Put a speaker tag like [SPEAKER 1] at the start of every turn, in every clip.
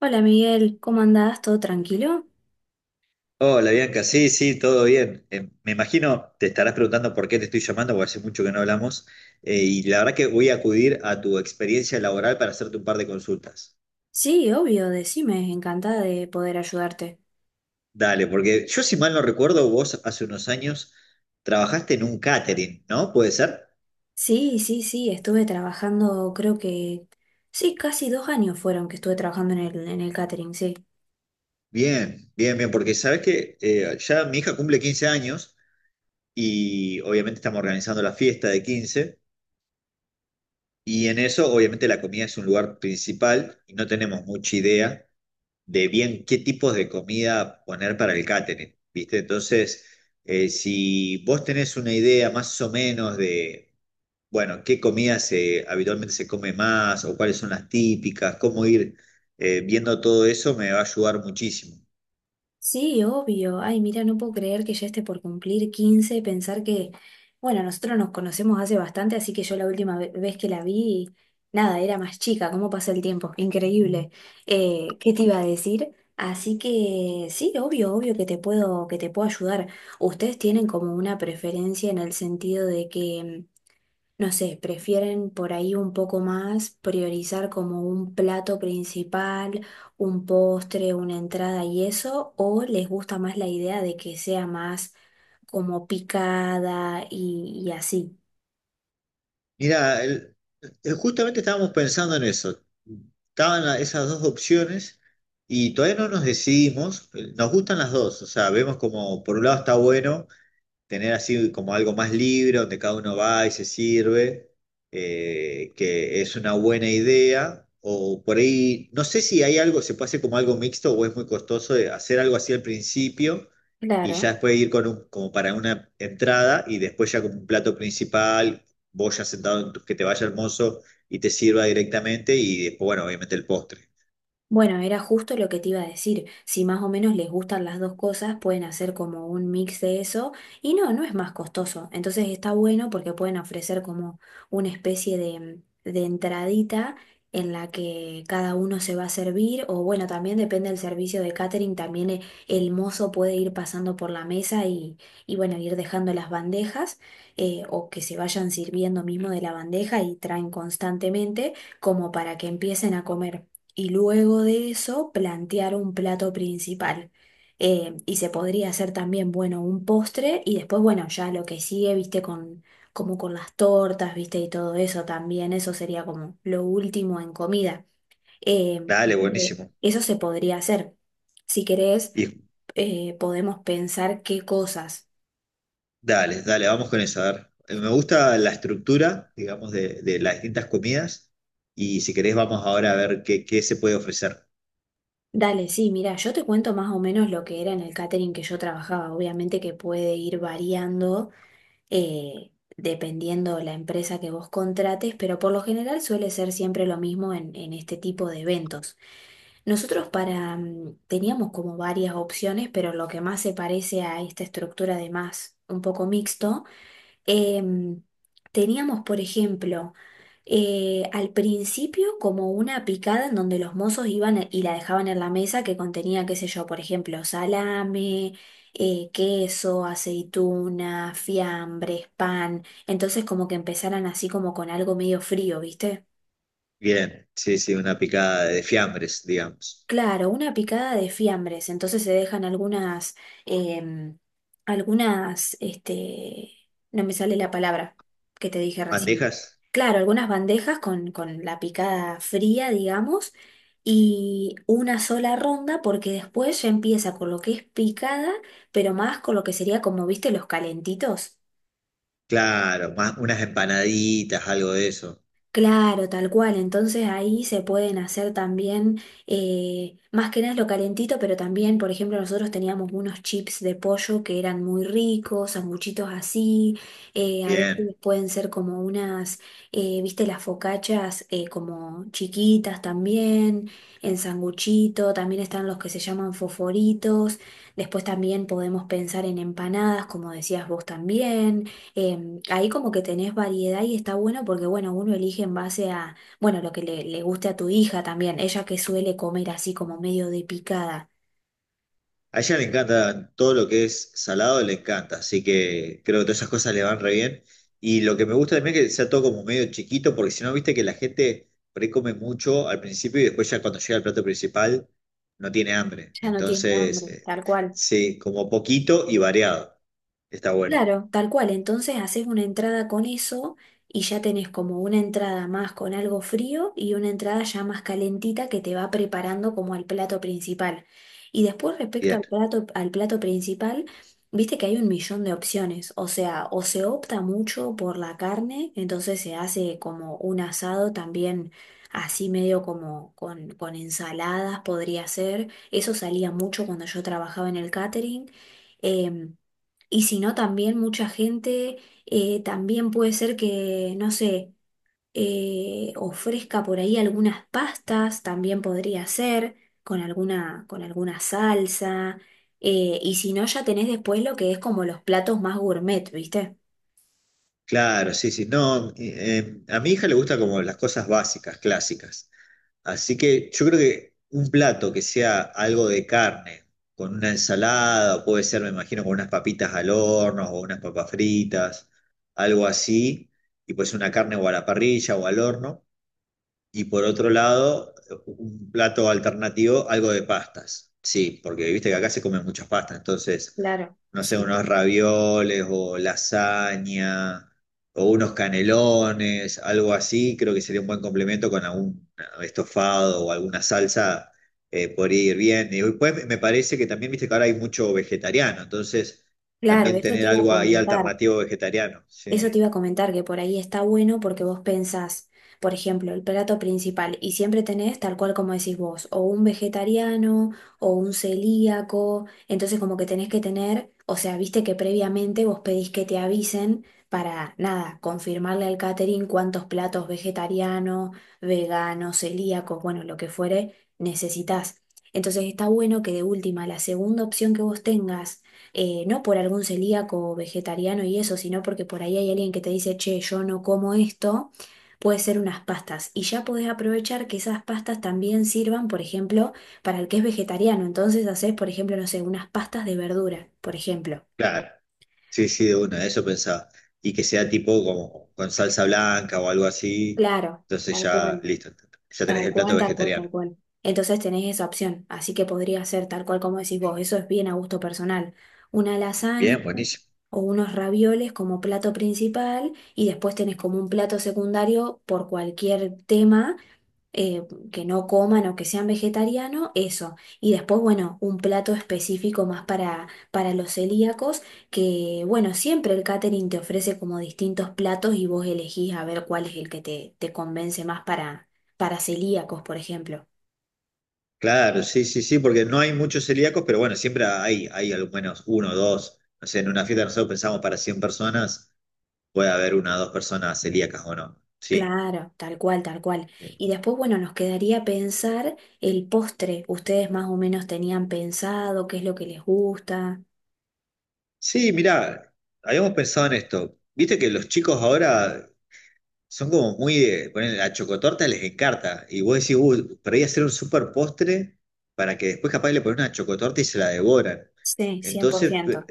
[SPEAKER 1] Hola Miguel, ¿cómo andás? ¿Todo tranquilo?
[SPEAKER 2] Hola Bianca, sí, todo bien. Me imagino te estarás preguntando por qué te estoy llamando, porque hace mucho que no hablamos, y la verdad que voy a acudir a tu experiencia laboral para hacerte un par de consultas.
[SPEAKER 1] Sí, obvio, decime, encantada de poder ayudarte.
[SPEAKER 2] Dale, porque yo, si mal no recuerdo, vos hace unos años trabajaste en un catering, ¿no? ¿Puede ser?
[SPEAKER 1] Sí, sí, sí, estuve trabajando, creo que... Sí, casi 2 años fueron que estuve trabajando en el catering, sí.
[SPEAKER 2] Bien, porque sabes que ya mi hija cumple 15 años y obviamente estamos organizando la fiesta de 15, y en eso obviamente la comida es un lugar principal y no tenemos mucha idea de bien qué tipos de comida poner para el catering, ¿viste? Entonces, si vos tenés una idea más o menos de, bueno, qué comida se, habitualmente se come más, o cuáles son las típicas, cómo ir viendo todo eso, me va a ayudar muchísimo.
[SPEAKER 1] Sí, obvio. Ay, mira, no puedo creer que ya esté por cumplir 15, pensar que, bueno, nosotros nos conocemos hace bastante, así que yo la última vez que la vi, nada, era más chica, cómo pasa el tiempo, increíble. ¿Qué te iba a decir? Así que sí, obvio, obvio que te puedo ayudar. ¿Ustedes tienen como una preferencia en el sentido de que no sé, prefieren por ahí un poco más priorizar como un plato principal, un postre, una entrada y eso, o les gusta más la idea de que sea más como picada y así?
[SPEAKER 2] Mira, justamente estábamos pensando en eso. Estaban esas dos opciones. Y todavía no nos decidimos. Nos gustan las dos, o sea, vemos como por un lado está bueno tener así como algo más libre, donde cada uno va y se sirve, que es una buena idea. O por ahí, no sé si hay algo, se puede hacer como algo mixto, o es muy costoso de hacer algo así al principio, y ya
[SPEAKER 1] Claro.
[SPEAKER 2] después ir con un, como para una entrada, y después ya como un plato principal, vos ya sentado, que te vaya el mozo y te sirva directamente, y después, bueno, obviamente el postre.
[SPEAKER 1] Bueno, era justo lo que te iba a decir. Si más o menos les gustan las dos cosas, pueden hacer como un mix de eso. Y no, no es más costoso. Entonces está bueno porque pueden ofrecer como una especie de entradita en la que cada uno se va a servir. O bueno, también depende del servicio de catering. También el mozo puede ir pasando por la mesa y bueno, ir dejando las bandejas. O que se vayan sirviendo mismo de la bandeja y traen constantemente como para que empiecen a comer y luego de eso plantear un plato principal. Y se podría hacer también, bueno, un postre y después, bueno, ya lo que sigue, viste, como con las tortas, viste, y todo eso también, eso sería como lo último en comida. Eh,
[SPEAKER 2] Dale,
[SPEAKER 1] Así que
[SPEAKER 2] buenísimo.
[SPEAKER 1] eso se podría hacer. Si querés,
[SPEAKER 2] Y
[SPEAKER 1] podemos pensar qué cosas.
[SPEAKER 2] dale, dale, vamos con eso. A ver, me gusta la estructura, digamos, de las distintas comidas. Y si querés, vamos ahora a ver qué, qué se puede ofrecer.
[SPEAKER 1] Dale, sí, mira, yo te cuento más o menos lo que era en el catering que yo trabajaba. Obviamente que puede ir variando, eh, dependiendo la empresa que vos contrates, pero por lo general suele ser siempre lo mismo en este tipo de eventos. Nosotros para, teníamos como varias opciones, pero lo que más se parece a esta estructura de más un poco mixto. Em, Teníamos, por ejemplo, al principio como una picada en donde los mozos iban y la dejaban en la mesa que contenía, qué sé yo, por ejemplo, salame, queso, aceituna, fiambres, pan. Entonces como que empezaran así como con algo medio frío, ¿viste?
[SPEAKER 2] Bien, sí, sí, una picada de fiambres, digamos.
[SPEAKER 1] Claro, una picada de fiambres, entonces se dejan em, algunas, este, no me sale la palabra que te dije recién.
[SPEAKER 2] ¿Bandejas?
[SPEAKER 1] Claro, algunas bandejas con la picada fría, digamos, y una sola ronda porque después ya empieza con lo que es picada, pero más con lo que sería como, viste, los calentitos.
[SPEAKER 2] Claro, más unas empanaditas, algo de eso.
[SPEAKER 1] Claro, tal cual. Entonces ahí se pueden hacer también, más que nada es lo calentito, pero también, por ejemplo, nosotros teníamos unos chips de pollo que eran muy ricos, sanguchitos así, a veces
[SPEAKER 2] Bien.
[SPEAKER 1] pueden ser como unas, viste, las focachas, como chiquitas también, en sanguchito, también están los que se llaman foforitos, después también podemos pensar en empanadas, como decías vos también. Ahí como que tenés variedad y está bueno porque, bueno, uno elige en base a, bueno, lo que le guste a tu hija también, ella que suele comer así como medio de picada,
[SPEAKER 2] A ella le encanta todo lo que es salado, le encanta, así que creo que todas esas cosas le van re bien. Y lo que me gusta también es que sea todo como medio chiquito, porque si no, viste que la gente por ahí come mucho al principio y después, ya cuando llega al plato principal, no tiene hambre.
[SPEAKER 1] ya no tiene hambre,
[SPEAKER 2] Entonces,
[SPEAKER 1] tal cual.
[SPEAKER 2] sí, como poquito y variado. Está bueno.
[SPEAKER 1] Claro, tal cual. Entonces haces una entrada con eso y ya tenés como una entrada más con algo frío y una entrada ya más calentita que te va preparando como al plato principal. Y después respecto
[SPEAKER 2] Bien.
[SPEAKER 1] al plato principal, viste que hay un millón de opciones. O sea, o se opta mucho por la carne, entonces se hace como un asado también así medio como con ensaladas podría ser. Eso salía mucho cuando yo trabajaba en el catering. em, y si no, también mucha gente, también puede ser que, no sé, ofrezca por ahí algunas pastas, también podría ser, con alguna salsa. Y si no, ya tenés después lo que es como los platos más gourmet, ¿viste?
[SPEAKER 2] Claro, sí, sí. No, a mi hija le gusta como las cosas básicas, clásicas. Así que yo creo que un plato que sea algo de carne, con una ensalada, o puede ser, me imagino, con unas papitas al horno o unas papas fritas, algo así, y pues una carne o a la parrilla o al horno. Y por otro lado, un plato alternativo, algo de pastas. Sí, porque viste que acá se comen muchas pastas, entonces,
[SPEAKER 1] Claro,
[SPEAKER 2] no sé,
[SPEAKER 1] sí.
[SPEAKER 2] unos ravioles o lasaña o unos canelones, algo así, creo que sería un buen complemento con algún estofado o alguna salsa, podría ir bien. Y después me parece que también, viste que ahora hay mucho vegetariano, entonces
[SPEAKER 1] Claro,
[SPEAKER 2] también
[SPEAKER 1] eso te
[SPEAKER 2] tener
[SPEAKER 1] iba a
[SPEAKER 2] algo ahí
[SPEAKER 1] comentar.
[SPEAKER 2] alternativo vegetariano,
[SPEAKER 1] Eso
[SPEAKER 2] sí.
[SPEAKER 1] te iba a comentar que por ahí está bueno porque vos pensás, por ejemplo, el plato principal y siempre tenés, tal cual como decís vos, o un vegetariano o un celíaco, entonces como que tenés que tener, o sea, viste que previamente vos pedís que te avisen para, nada, confirmarle al catering cuántos platos vegetarianos, veganos, celíacos, bueno, lo que fuere, necesitas. Entonces está bueno que de última, la segunda opción que vos tengas, no por algún celíaco o vegetariano y eso, sino porque por ahí hay alguien que te dice, che, yo no como esto, puede ser unas pastas. Y ya podés aprovechar que esas pastas también sirvan, por ejemplo, para el que es vegetariano. Entonces haces, por ejemplo, no sé, unas pastas de verdura, por ejemplo.
[SPEAKER 2] Claro. Sí, sí, de una, eso pensaba. Y que sea tipo como con salsa blanca o algo así.
[SPEAKER 1] Claro,
[SPEAKER 2] Entonces
[SPEAKER 1] tal
[SPEAKER 2] ya,
[SPEAKER 1] cual.
[SPEAKER 2] listo, ya tenés
[SPEAKER 1] Tal
[SPEAKER 2] el plato
[SPEAKER 1] cual, tal cual,
[SPEAKER 2] vegetariano.
[SPEAKER 1] tal cual. Entonces tenés esa opción, así que podría ser tal cual como decís vos, eso es bien a gusto personal. Una lasaña
[SPEAKER 2] Bien, buenísimo.
[SPEAKER 1] o unos ravioles como plato principal y después tenés como un plato secundario por cualquier tema, eh, que no coman o que sean vegetarianos, eso. Y después, bueno, un plato específico más para los celíacos, que bueno, siempre el catering te ofrece como distintos platos y vos elegís a ver cuál es el que te convence más para celíacos, por ejemplo.
[SPEAKER 2] Claro, sí, sí, sí, porque no hay muchos celíacos, pero bueno, siempre hay, hay al menos uno o dos. No sé, en una fiesta nosotros pensamos para 100 personas, puede haber una o dos personas celíacas o no. Sí.
[SPEAKER 1] Claro, tal cual, tal cual.
[SPEAKER 2] eh,
[SPEAKER 1] Y después, bueno, nos quedaría pensar el postre. ¿Ustedes más o menos tenían pensado qué es lo que les gusta?
[SPEAKER 2] Sí, mirá, habíamos pensado en esto. Viste que los chicos ahora son como muy de, ponen, la chocotorta les encanta. Y vos decís, uy, a hacer un super postre para que después capaz le ponen una chocotorta y se la devoran.
[SPEAKER 1] Sí, cien por
[SPEAKER 2] Entonces,
[SPEAKER 1] ciento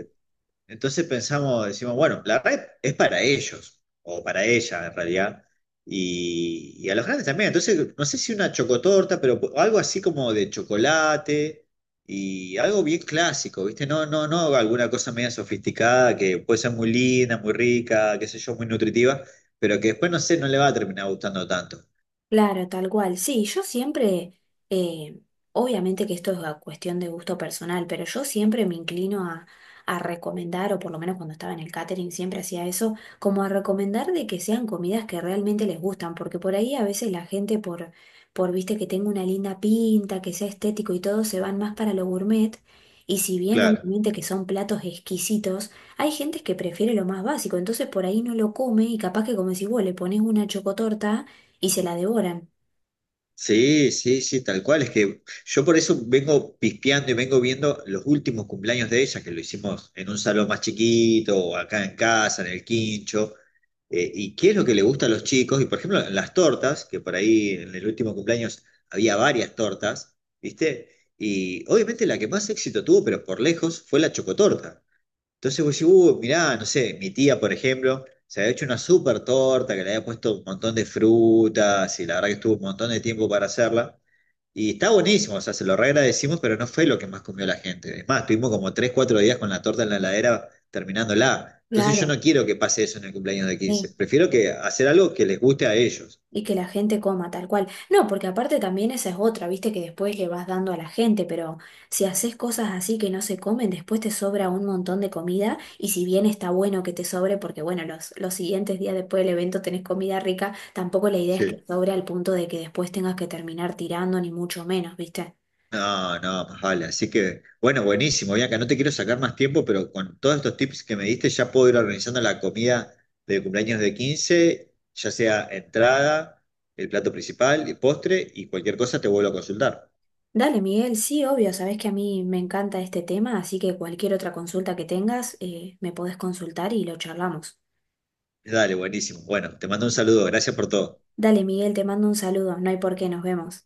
[SPEAKER 2] entonces pensamos, decimos, bueno, la red es para ellos, o para ella en realidad, y a los grandes también. Entonces, no sé si una chocotorta, pero algo así como de chocolate y algo bien clásico, ¿viste? No, alguna cosa media sofisticada que puede ser muy linda, muy rica, qué sé yo, muy nutritiva, pero que después, no sé, no le va a terminar gustando tanto.
[SPEAKER 1] Claro, tal cual. Sí, yo siempre, eh, obviamente que esto es a cuestión de gusto personal, pero yo siempre me inclino a recomendar, o por lo menos cuando estaba en el catering siempre hacía eso, como a recomendar de que sean comidas que realmente les gustan, porque por ahí a veces la gente por viste que tenga una linda pinta, que sea estético y todo, se van más para lo gourmet. Y si bien
[SPEAKER 2] Claro.
[SPEAKER 1] obviamente que son platos exquisitos, hay gente que prefiere lo más básico, entonces por ahí no lo come y capaz que como si vos le pones una chocotorta y se la devoran.
[SPEAKER 2] Sí, sí, sí, tal cual. Es que yo por eso vengo pispeando y vengo viendo los últimos cumpleaños de ella, que lo hicimos en un salón más chiquito, o acá en casa, en el quincho. Y qué es lo que le gusta a los chicos. Y por ejemplo, las tortas, que por ahí en el último cumpleaños había varias tortas, ¿viste? Y obviamente la que más éxito tuvo, pero por lejos, fue la chocotorta. Entonces vos decís, mirá, no sé, mi tía, por ejemplo, se había hecho una súper torta que le había puesto un montón de frutas, y la verdad que estuvo un montón de tiempo para hacerla. Y está buenísimo, o sea, se lo reagradecimos, pero no fue lo que más comió la gente. Es más, tuvimos como 3 4 días con la torta en la heladera terminándola. Entonces yo
[SPEAKER 1] Claro,
[SPEAKER 2] no quiero que pase eso en el cumpleaños de 15.
[SPEAKER 1] sí.
[SPEAKER 2] Prefiero que hacer algo que les guste a ellos.
[SPEAKER 1] Y que la gente coma tal cual. No, porque aparte también esa es otra, viste que después le vas dando a la gente, pero si haces cosas así que no se comen, después te sobra un montón de comida y si bien está bueno que te sobre, porque bueno, los siguientes días después del evento tenés comida rica, tampoco la idea es que
[SPEAKER 2] Sí.
[SPEAKER 1] sobre al punto de que después tengas que terminar tirando, ni mucho menos, viste.
[SPEAKER 2] No, no, más vale. Así que, bueno, buenísimo, Bianca. No te quiero sacar más tiempo, pero con todos estos tips que me diste, ya puedo ir organizando la comida de cumpleaños de 15. Ya sea entrada, el plato principal, el postre, y cualquier cosa te vuelvo a consultar.
[SPEAKER 1] Dale, Miguel, sí, obvio, sabés que a mí me encanta este tema, así que cualquier otra consulta que tengas, me podés consultar y lo charlamos.
[SPEAKER 2] Dale, buenísimo. Bueno, te mando un saludo. Gracias por todo.
[SPEAKER 1] Dale, Miguel, te mando un saludo. No hay por qué, nos vemos.